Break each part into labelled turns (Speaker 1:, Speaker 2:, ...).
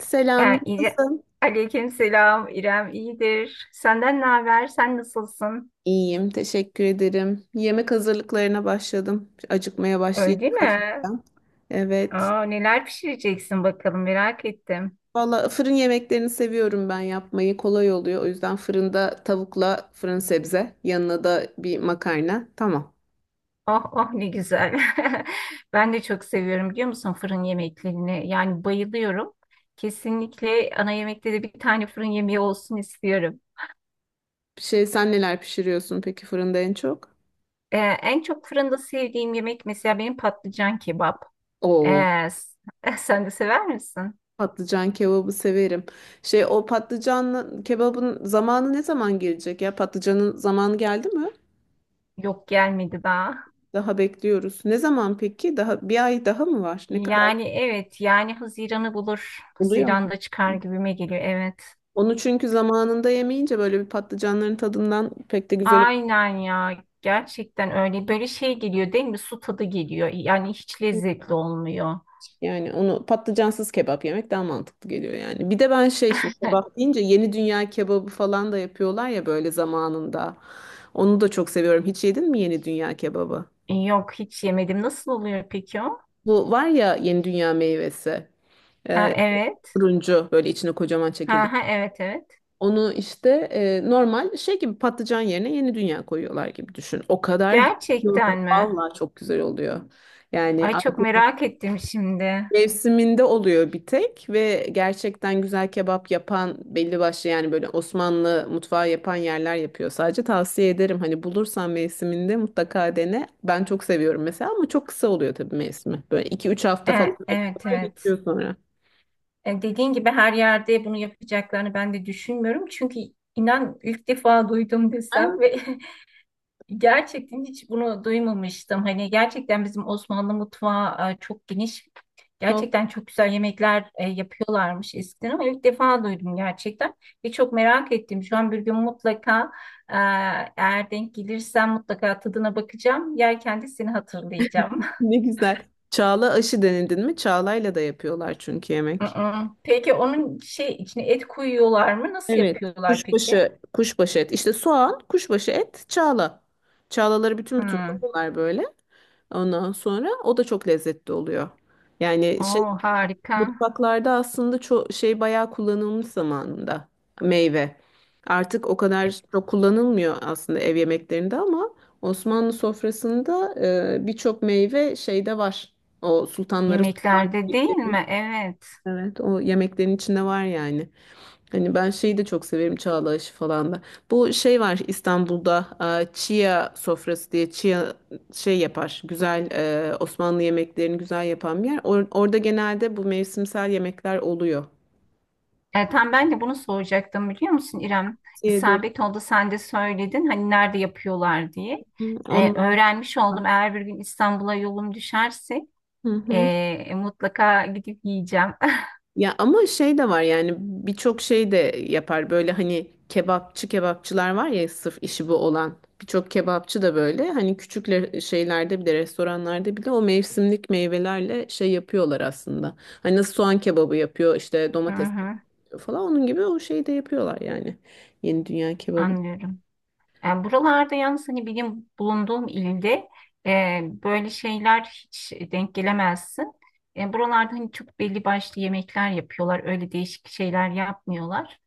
Speaker 1: Selam,
Speaker 2: Yani İre-
Speaker 1: nasılsın?
Speaker 2: Aleyküm selam İrem iyidir. Senden ne haber? Sen nasılsın?
Speaker 1: İyiyim, teşekkür ederim. Yemek hazırlıklarına başladım. Acıkmaya başlayacağım
Speaker 2: Öyle mi?
Speaker 1: hafiften. Evet.
Speaker 2: Aa, neler pişireceksin bakalım merak ettim.
Speaker 1: Valla fırın yemeklerini seviyorum ben yapmayı. Kolay oluyor. O yüzden fırında tavukla fırın sebze. Yanına da bir makarna. Tamam.
Speaker 2: Oh oh ne güzel. Ben de çok seviyorum biliyor musun fırın yemeklerini. Yani bayılıyorum. Kesinlikle ana yemekte de bir tane fırın yemeği olsun istiyorum.
Speaker 1: Şey, sen neler pişiriyorsun peki fırında en çok?
Speaker 2: En çok fırında sevdiğim yemek mesela benim patlıcan kebap.
Speaker 1: Oo,
Speaker 2: Ee, s- Sen de sever misin?
Speaker 1: patlıcan kebabı severim. Şey, o patlıcanlı kebabın zamanı ne zaman gelecek ya? Patlıcanın zamanı geldi mi?
Speaker 2: Yok gelmedi daha.
Speaker 1: Daha bekliyoruz. Ne zaman peki? Daha bir ay daha mı var? Ne kadar
Speaker 2: Yani evet yani Haziran'ı bulur.
Speaker 1: oluyor ama.
Speaker 2: Haziran'da çıkar gibime geliyor evet.
Speaker 1: Onu çünkü zamanında yemeyince böyle bir patlıcanların tadından pek de güzel olmuş.
Speaker 2: Aynen ya gerçekten öyle böyle şey geliyor değil mi? Su tadı geliyor yani hiç lezzetli olmuyor.
Speaker 1: Yani onu patlıcansız kebap yemek daha mantıklı geliyor yani. Bir de ben şey şimdi kebap deyince yeni dünya kebabı falan da yapıyorlar ya böyle zamanında. Onu da çok seviyorum. Hiç yedin mi yeni dünya kebabı?
Speaker 2: Yok hiç yemedim. Nasıl oluyor peki o?
Speaker 1: Bu var ya yeni dünya meyvesi.
Speaker 2: Ha
Speaker 1: Ee,
Speaker 2: evet.
Speaker 1: turuncu böyle içine kocaman
Speaker 2: Ha
Speaker 1: çekirdek.
Speaker 2: ha evet evet.
Speaker 1: Onu işte normal şey gibi patlıcan yerine yeni dünya koyuyorlar gibi düşün. O kadar güzel oluyor.
Speaker 2: Gerçekten mi?
Speaker 1: Vallahi çok güzel oluyor. Yani
Speaker 2: Ay
Speaker 1: artık
Speaker 2: çok merak ettim şimdi.
Speaker 1: mevsiminde oluyor bir tek ve gerçekten güzel kebap yapan belli başlı yani böyle Osmanlı mutfağı yapan yerler yapıyor. Sadece tavsiye ederim hani bulursan mevsiminde mutlaka dene. Ben çok seviyorum mesela ama çok kısa oluyor tabii mevsimi. Böyle iki üç hafta falan
Speaker 2: E, evet
Speaker 1: yapıyorlar
Speaker 2: evet.
Speaker 1: geçiyor sonra.
Speaker 2: E, dediğin gibi her yerde bunu yapacaklarını ben de düşünmüyorum. Çünkü inan ilk defa duydum desem ve Gerçekten hiç bunu duymamıştım. Hani gerçekten bizim Osmanlı mutfağı çok geniş.
Speaker 1: Ha,
Speaker 2: Gerçekten çok güzel yemekler yapıyorlarmış eskiden ama ilk defa duydum gerçekten. Ve çok merak ettim. Şu an bir gün mutlaka e, eğer denk gelirsem mutlaka tadına bakacağım. Yerken de seni hatırlayacağım.
Speaker 1: Ne güzel. Çağla aşı denildin mi? Çağlayla da yapıyorlar çünkü yemek.
Speaker 2: Hı-hı. Peki onun şey içine et koyuyorlar mı? Nasıl
Speaker 1: Evet.
Speaker 2: yapıyorlar peki?
Speaker 1: Kuşbaşı, kuşbaşı et. İşte soğan, kuşbaşı et, çağla. Çağlaları bütün bütün
Speaker 2: Hmm.
Speaker 1: koyuyorlar böyle. Ondan sonra o da çok lezzetli oluyor. Yani şey
Speaker 2: Oo, harika.
Speaker 1: mutfaklarda aslında çok şey bayağı kullanılmış zamanında meyve. Artık o kadar çok kullanılmıyor aslında ev yemeklerinde ama Osmanlı sofrasında birçok meyve şeyde var. O sultanları
Speaker 2: Yemeklerde değil mi? Evet.
Speaker 1: evet, o yemeklerin içinde var yani. Hani ben şeyi de çok severim çağla aşı falan da. Bu şey var İstanbul'da chia sofrası diye chia şey yapar. Güzel Osmanlı yemeklerini güzel yapan bir yer. Orada genelde bu mevsimsel yemekler oluyor.
Speaker 2: Tam ben de bunu soracaktım biliyor musun İrem?
Speaker 1: Tavsiye ederim.
Speaker 2: İsabet oldu sen de söyledin hani nerede yapıyorlar diye.
Speaker 1: Hı, onlar
Speaker 2: Öğrenmiş
Speaker 1: da.
Speaker 2: oldum eğer bir gün İstanbul'a yolum düşerse
Speaker 1: Hı hı.
Speaker 2: mutlaka gidip yiyeceğim.
Speaker 1: Ya ama şey de var yani birçok şey de yapar böyle hani kebapçı kebapçılar var ya sırf işi bu olan birçok kebapçı da böyle hani küçük şeylerde bile restoranlarda bile o mevsimlik meyvelerle şey yapıyorlar aslında. Hani nasıl soğan kebabı yapıyor işte
Speaker 2: Hı
Speaker 1: domates kebabı yapıyor
Speaker 2: hı,
Speaker 1: falan onun gibi o şeyi de yapıyorlar yani yeni dünya kebabı.
Speaker 2: anlıyorum. Yani buralarda yalnız hani benim bulunduğum ilde böyle şeyler hiç denk gelemezsin. Buralarda hani çok belli başlı yemekler yapıyorlar öyle değişik şeyler yapmıyorlar.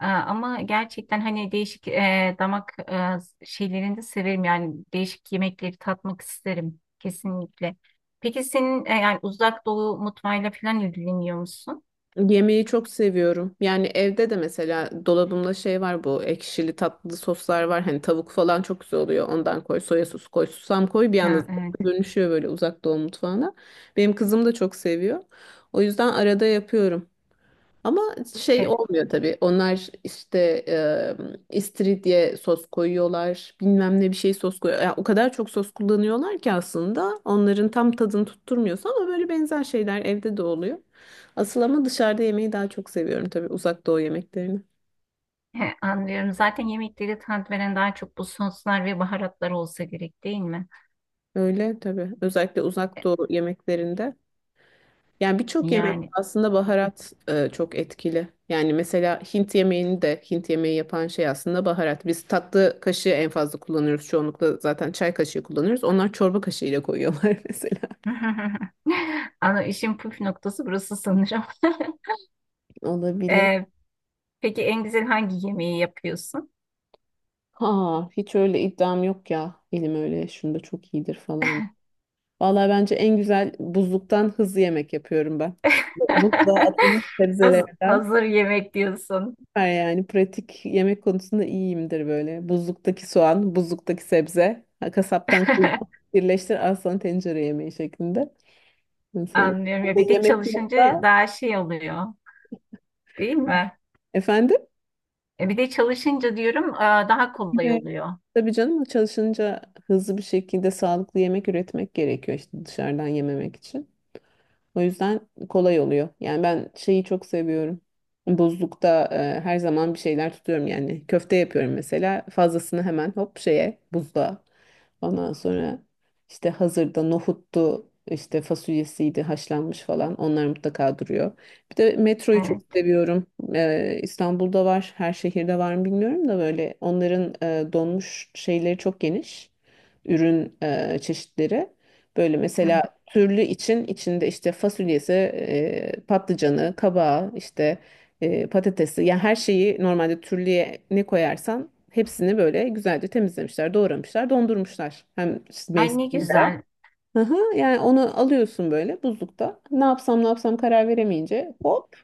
Speaker 2: Aa, ama gerçekten hani değişik damak şeylerini de severim yani değişik yemekleri tatmak isterim kesinlikle. Peki senin yani uzak doğu mutfağıyla falan ilgileniyor musun?
Speaker 1: Yemeği çok seviyorum. Yani evde de mesela dolabımda şey var bu ekşili tatlı soslar var. Hani tavuk falan çok güzel oluyor. Ondan koy soya sosu koy susam koy bir anda
Speaker 2: Ha, evet,
Speaker 1: dönüşüyor böyle uzak doğu mutfağına. Benim kızım da çok seviyor. O yüzden arada yapıyorum. Ama şey
Speaker 2: evet.
Speaker 1: olmuyor tabii. Onlar işte istiridye sos koyuyorlar. Bilmem ne bir şey sos koyuyor. Ya o kadar çok sos kullanıyorlar ki aslında onların tam tadını tutturmuyorsa ama böyle benzer şeyler evde de oluyor. Asıl ama dışarıda yemeği daha çok seviyorum tabii uzak doğu yemeklerini.
Speaker 2: He, anlıyorum. Zaten yemekleri tat veren daha çok bu soslar ve baharatlar olsa gerek değil mi?
Speaker 1: Öyle tabii. Özellikle
Speaker 2: E,
Speaker 1: uzak doğu yemeklerinde. Yani birçok yemek
Speaker 2: Yani.
Speaker 1: aslında baharat çok etkili. Yani mesela Hint yemeğini de Hint yemeği yapan şey aslında baharat. Biz tatlı kaşığı en fazla kullanıyoruz. Çoğunlukla zaten çay kaşığı kullanıyoruz. Onlar çorba kaşığıyla koyuyorlar mesela.
Speaker 2: Ana işin püf noktası burası sanırım.
Speaker 1: Olabilir.
Speaker 2: E, peki en güzel hangi yemeği yapıyorsun?
Speaker 1: Ha, hiç öyle iddiam yok ya. Elim öyle şunda çok iyidir falan. Vallahi bence en güzel buzluktan hızlı yemek yapıyorum ben. Buzluğa atılmış sebzelerden.
Speaker 2: Hazır yemek diyorsun.
Speaker 1: Süper yani pratik yemek konusunda iyiyimdir böyle. Buzluktaki soğan, buzluktaki sebze, ha, kasaptan kıyma, birleştir al sana tencere yemeği şeklinde. Mesela
Speaker 2: Anlıyorum ya
Speaker 1: burada
Speaker 2: bir de
Speaker 1: yemek
Speaker 2: çalışınca
Speaker 1: yoksa
Speaker 2: daha şey oluyor değil mi?
Speaker 1: efendim?
Speaker 2: E bir de çalışınca diyorum daha kolay
Speaker 1: Evet.
Speaker 2: oluyor.
Speaker 1: Tabii canım çalışınca hızlı bir şekilde sağlıklı yemek üretmek gerekiyor işte dışarıdan yememek için. O yüzden kolay oluyor. Yani ben şeyi çok seviyorum. Buzlukta her zaman bir şeyler tutuyorum yani. Köfte yapıyorum mesela. Fazlasını hemen hop şeye buzluğa. Ondan sonra işte hazırda nohuttu, işte fasulyesiydi, haşlanmış falan. Onlar mutlaka duruyor. Bir de metroyu çok
Speaker 2: Evet.
Speaker 1: seviyorum. İstanbul'da var, her şehirde var mı bilmiyorum da böyle onların donmuş şeyleri çok geniş. Ürün çeşitleri. Böyle
Speaker 2: Hı hı.
Speaker 1: mesela türlü için içinde işte fasulyesi, patlıcanı, kabağı, işte patatesi. Yani her şeyi normalde türlüye ne koyarsan hepsini böyle güzelce temizlemişler, doğramışlar, dondurmuşlar. Hem
Speaker 2: Ay ne
Speaker 1: mevsiminde.
Speaker 2: güzel
Speaker 1: Aha, yani onu alıyorsun böyle buzlukta. Ne yapsam ne yapsam karar veremeyince hop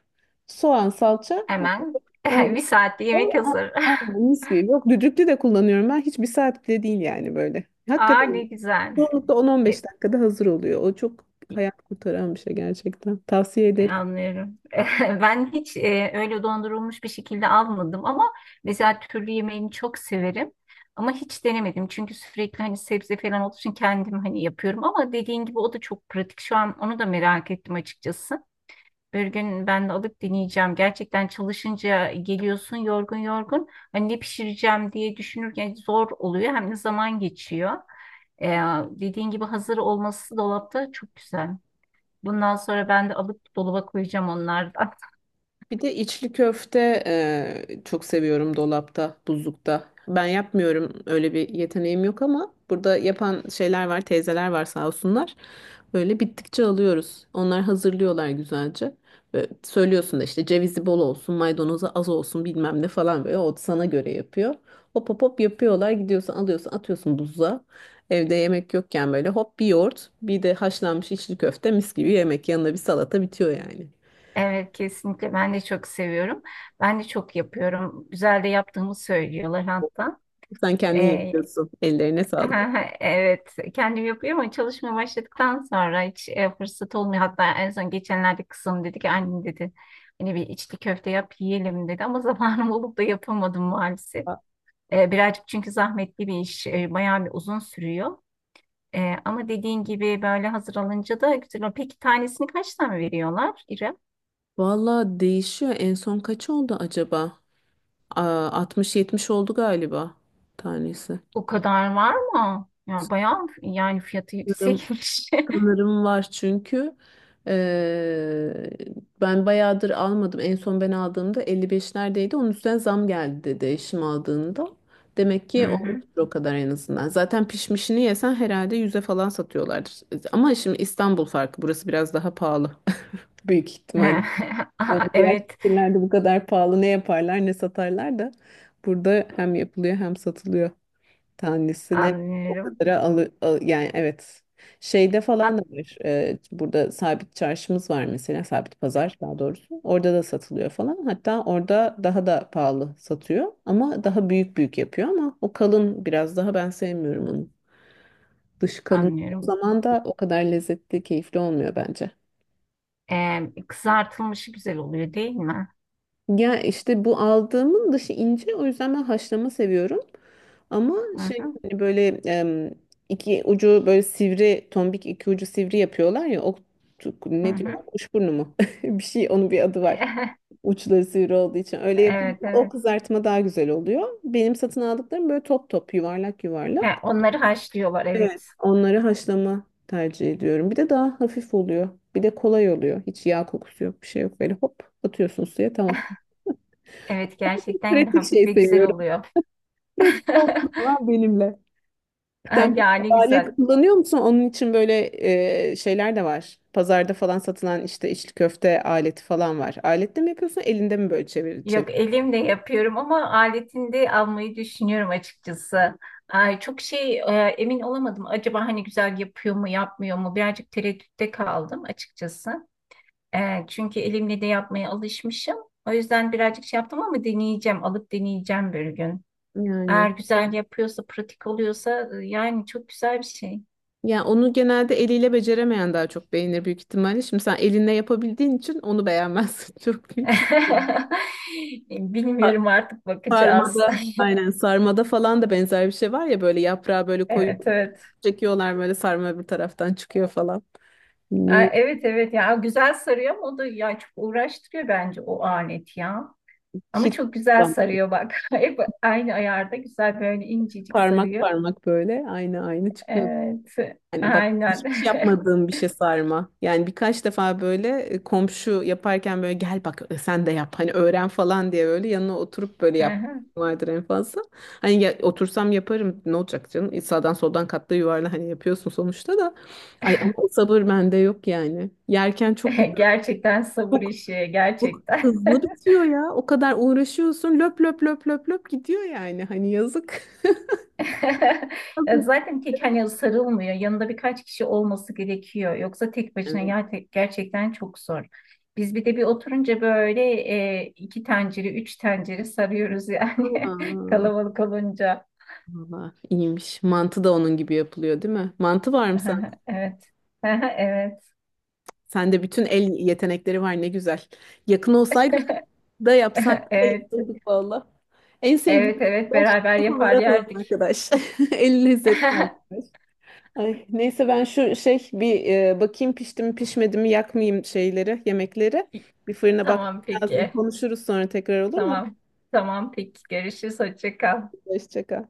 Speaker 1: soğan, salça.
Speaker 2: hemen
Speaker 1: Aynen.
Speaker 2: bir saatte yemek hazır.
Speaker 1: Aynen mis gibi. Yok düdüklü de kullanıyorum ben. Hiç bir saat bile değil yani böyle.
Speaker 2: Aa ne
Speaker 1: Hakikaten
Speaker 2: güzel.
Speaker 1: çoğunlukla 10-15 dakikada hazır oluyor. O çok
Speaker 2: E,
Speaker 1: hayat kurtaran bir şey gerçekten. Tavsiye ederim.
Speaker 2: Anlıyorum. Ben hiç öyle dondurulmuş bir şekilde almadım ama mesela türlü yemeğini çok severim. Ama hiç denemedim çünkü sürekli hani sebze falan olduğu için kendim hani yapıyorum ama dediğin gibi o da çok pratik. Şu an onu da merak ettim açıkçası. Bir gün ben de alıp deneyeceğim. Gerçekten çalışınca geliyorsun yorgun yorgun. Hani ne pişireceğim diye düşünürken zor oluyor hem de zaman geçiyor. E, Dediğin gibi hazır olması dolapta çok güzel. Bundan sonra ben de alıp dolaba koyacağım onlardan.
Speaker 1: Bir de içli köfte çok seviyorum dolapta, buzlukta. Ben yapmıyorum öyle bir yeteneğim yok ama burada yapan şeyler var, teyzeler var sağ olsunlar. Böyle bittikçe alıyoruz. Onlar hazırlıyorlar güzelce. Ve söylüyorsun da işte cevizi bol olsun, maydanozu az olsun bilmem ne falan böyle o sana göre yapıyor. Hop hop hop yapıyorlar gidiyorsun alıyorsun atıyorsun buzluğa. Evde yemek yokken böyle hop bir yoğurt bir de haşlanmış içli köfte mis gibi yemek yanına bir salata bitiyor yani.
Speaker 2: Evet kesinlikle ben de çok seviyorum. Ben de çok yapıyorum. Güzel de yaptığımı söylüyorlar hatta.
Speaker 1: Sen kendin
Speaker 2: Ee,
Speaker 1: yapıyorsun. Ellerine sağlık.
Speaker 2: evet kendim yapıyorum ama çalışmaya başladıktan sonra hiç fırsat olmuyor. Hatta en son geçenlerde kızım dedi ki annem dedi hani bir içli köfte yap yiyelim dedi ama zamanım olup da yapamadım maalesef. Birazcık çünkü zahmetli bir iş. Bayağı bir uzun sürüyor. Ama dediğin gibi böyle hazır alınca da güzel oluyor. Peki tanesini kaç tane veriyorlar İrem?
Speaker 1: Valla değişiyor. En son kaç oldu acaba? Aa, 60-70 oldu galiba tanesi.
Speaker 2: O kadar var mı? Ya bayağı yani fiyatı
Speaker 1: Sanırım,
Speaker 2: yüksekmiş.
Speaker 1: sanırım var çünkü eee, ben bayağıdır almadım. En son ben aldığımda 55'lerdeydi. Onun üstüne zam geldi dedi eşim aldığında. Demek
Speaker 2: Hı
Speaker 1: ki
Speaker 2: hı.
Speaker 1: olmuştur o kadar en azından. Zaten pişmişini yesen herhalde 100'e falan satıyorlardır. Ama şimdi İstanbul farkı. Burası biraz daha pahalı. Büyük ihtimal. Yani
Speaker 2: Aa,
Speaker 1: diğer
Speaker 2: evet,
Speaker 1: şehirlerde bu kadar pahalı ne yaparlar ne satarlar da burada hem yapılıyor hem satılıyor tanesine o
Speaker 2: anlıyorum.
Speaker 1: kadara yani evet şeyde falan da
Speaker 2: Hat
Speaker 1: var. Burada sabit çarşımız var mesela sabit pazar daha doğrusu orada da satılıyor falan hatta orada daha da pahalı satıyor ama daha büyük büyük yapıyor ama o kalın biraz daha ben sevmiyorum onu dışı kalın o
Speaker 2: Anlıyorum.
Speaker 1: zaman da o kadar lezzetli keyifli olmuyor bence.
Speaker 2: Ee, Kızartılmışı güzel oluyor değil mi?
Speaker 1: Ya işte bu aldığımın dışı ince o yüzden ben haşlama seviyorum. Ama
Speaker 2: Hı
Speaker 1: şey
Speaker 2: hı.
Speaker 1: hani böyle iki ucu böyle sivri tombik iki ucu sivri yapıyorlar ya o
Speaker 2: Hı
Speaker 1: ne
Speaker 2: hı.
Speaker 1: diyorlar kuşburnu mu? Bir şey onun bir adı var. Uçları sivri olduğu için öyle yapınca
Speaker 2: Evet
Speaker 1: o
Speaker 2: evet.
Speaker 1: kızartma daha güzel oluyor. Benim satın aldıklarım böyle top top yuvarlak
Speaker 2: Ha,
Speaker 1: yuvarlak.
Speaker 2: onları haşlıyorlar
Speaker 1: Evet.
Speaker 2: evet.
Speaker 1: Onları haşlama tercih ediyorum. Bir de daha hafif oluyor. Bir de kolay oluyor. Hiç yağ kokusu yok, bir şey yok. Böyle hop atıyorsun suya tamam.
Speaker 2: Evet gerçekten
Speaker 1: Pratik
Speaker 2: hafif
Speaker 1: şey
Speaker 2: ve güzel
Speaker 1: seviyorum.
Speaker 2: oluyor.
Speaker 1: Pratik olsun ama benimle. Sen peki
Speaker 2: Yani
Speaker 1: alet
Speaker 2: güzel.
Speaker 1: kullanıyor musun? Onun için böyle şeyler de var. Pazarda falan satılan işte içli köfte aleti falan var. Aletle mi yapıyorsun? Elinde mi böyle çevir çevir?
Speaker 2: Yok elimle yapıyorum ama aletini de almayı düşünüyorum açıkçası. Ay, çok şey emin olamadım. Acaba hani güzel yapıyor mu yapmıyor mu? Birazcık tereddütte kaldım açıkçası. Çünkü elimle de yapmaya alışmışım. O yüzden birazcık şey yaptım ama deneyeceğim. Alıp deneyeceğim bir gün.
Speaker 1: Yani.
Speaker 2: Eğer güzel yapıyorsa, pratik oluyorsa yani çok güzel bir şey.
Speaker 1: Ya onu genelde eliyle beceremeyen daha çok beğenir büyük ihtimalle. Şimdi sen elinle yapabildiğin için onu beğenmezsin çok büyük ihtimalle.
Speaker 2: Bilmiyorum artık bakacağız.
Speaker 1: Sarmada, aynen sarmada falan da benzer bir şey var ya böyle yaprağı böyle koyup
Speaker 2: Evet evet.
Speaker 1: çekiyorlar böyle sarma bir taraftan çıkıyor falan.
Speaker 2: E,
Speaker 1: Bilmiyorum.
Speaker 2: evet evet ya güzel sarıyor ama o da ya çok uğraştırıyor bence o alet ya. Ama
Speaker 1: Hiç
Speaker 2: çok güzel
Speaker 1: ulan
Speaker 2: sarıyor bak. Hep aynı ayarda güzel böyle incecik
Speaker 1: parmak
Speaker 2: sarıyor.
Speaker 1: parmak böyle aynı aynı çıkıyor.
Speaker 2: Evet
Speaker 1: Yani bak
Speaker 2: aynen.
Speaker 1: hiç yapmadığım bir şey sarma. Yani birkaç defa böyle komşu yaparken böyle gel bak sen de yap hani öğren falan diye böyle yanına oturup böyle yap
Speaker 2: Aha.
Speaker 1: vardır en fazla. Hani otursam yaparım ne olacak canım? Sağdan soldan katla yuvarla hani yapıyorsun sonuçta da. Ay ama o sabır bende yok yani. Yerken çok güzel.
Speaker 2: Gerçekten sabır
Speaker 1: Çok,
Speaker 2: işi
Speaker 1: çok
Speaker 2: gerçekten.
Speaker 1: hızlı bitiyor ya. O kadar uğraşıyorsun löp löp löp löp löp gidiyor yani. Hani yazık.
Speaker 2: Ya
Speaker 1: Yazık.
Speaker 2: zaten tek hani sarılmıyor. Yanında birkaç kişi olması gerekiyor. Yoksa tek başına
Speaker 1: Evet.
Speaker 2: gerçekten çok zor. Biz bir de bir oturunca böyle iki tencere, üç tencere sarıyoruz yani
Speaker 1: Aa,
Speaker 2: kalabalık olunca.
Speaker 1: valla iyiymiş. Mantı da onun gibi yapılıyor, değil mi? Mantı var mı sen?
Speaker 2: Aha, evet. Aha, evet.
Speaker 1: Sende bütün el yetenekleri var ne güzel. Yakın olsaydık da yapsaydık da
Speaker 2: Evet.
Speaker 1: yapsaydık valla. En
Speaker 2: Evet,
Speaker 1: sevdiğim
Speaker 2: evet
Speaker 1: arkadaş
Speaker 2: beraber
Speaker 1: çok
Speaker 2: yapar
Speaker 1: hamarat olan
Speaker 2: yerdik.
Speaker 1: arkadaş. El lezzetli arkadaş. Ay, neyse ben şu şey bir bakayım pişti mi pişmedi mi yakmayayım şeyleri yemekleri. Bir fırına bakmam
Speaker 2: Tamam
Speaker 1: lazım.
Speaker 2: peki.
Speaker 1: Konuşuruz sonra tekrar olur mu?
Speaker 2: Tamam. Tamam peki. Görüşürüz. Hoşça kal.
Speaker 1: Hoşça kal.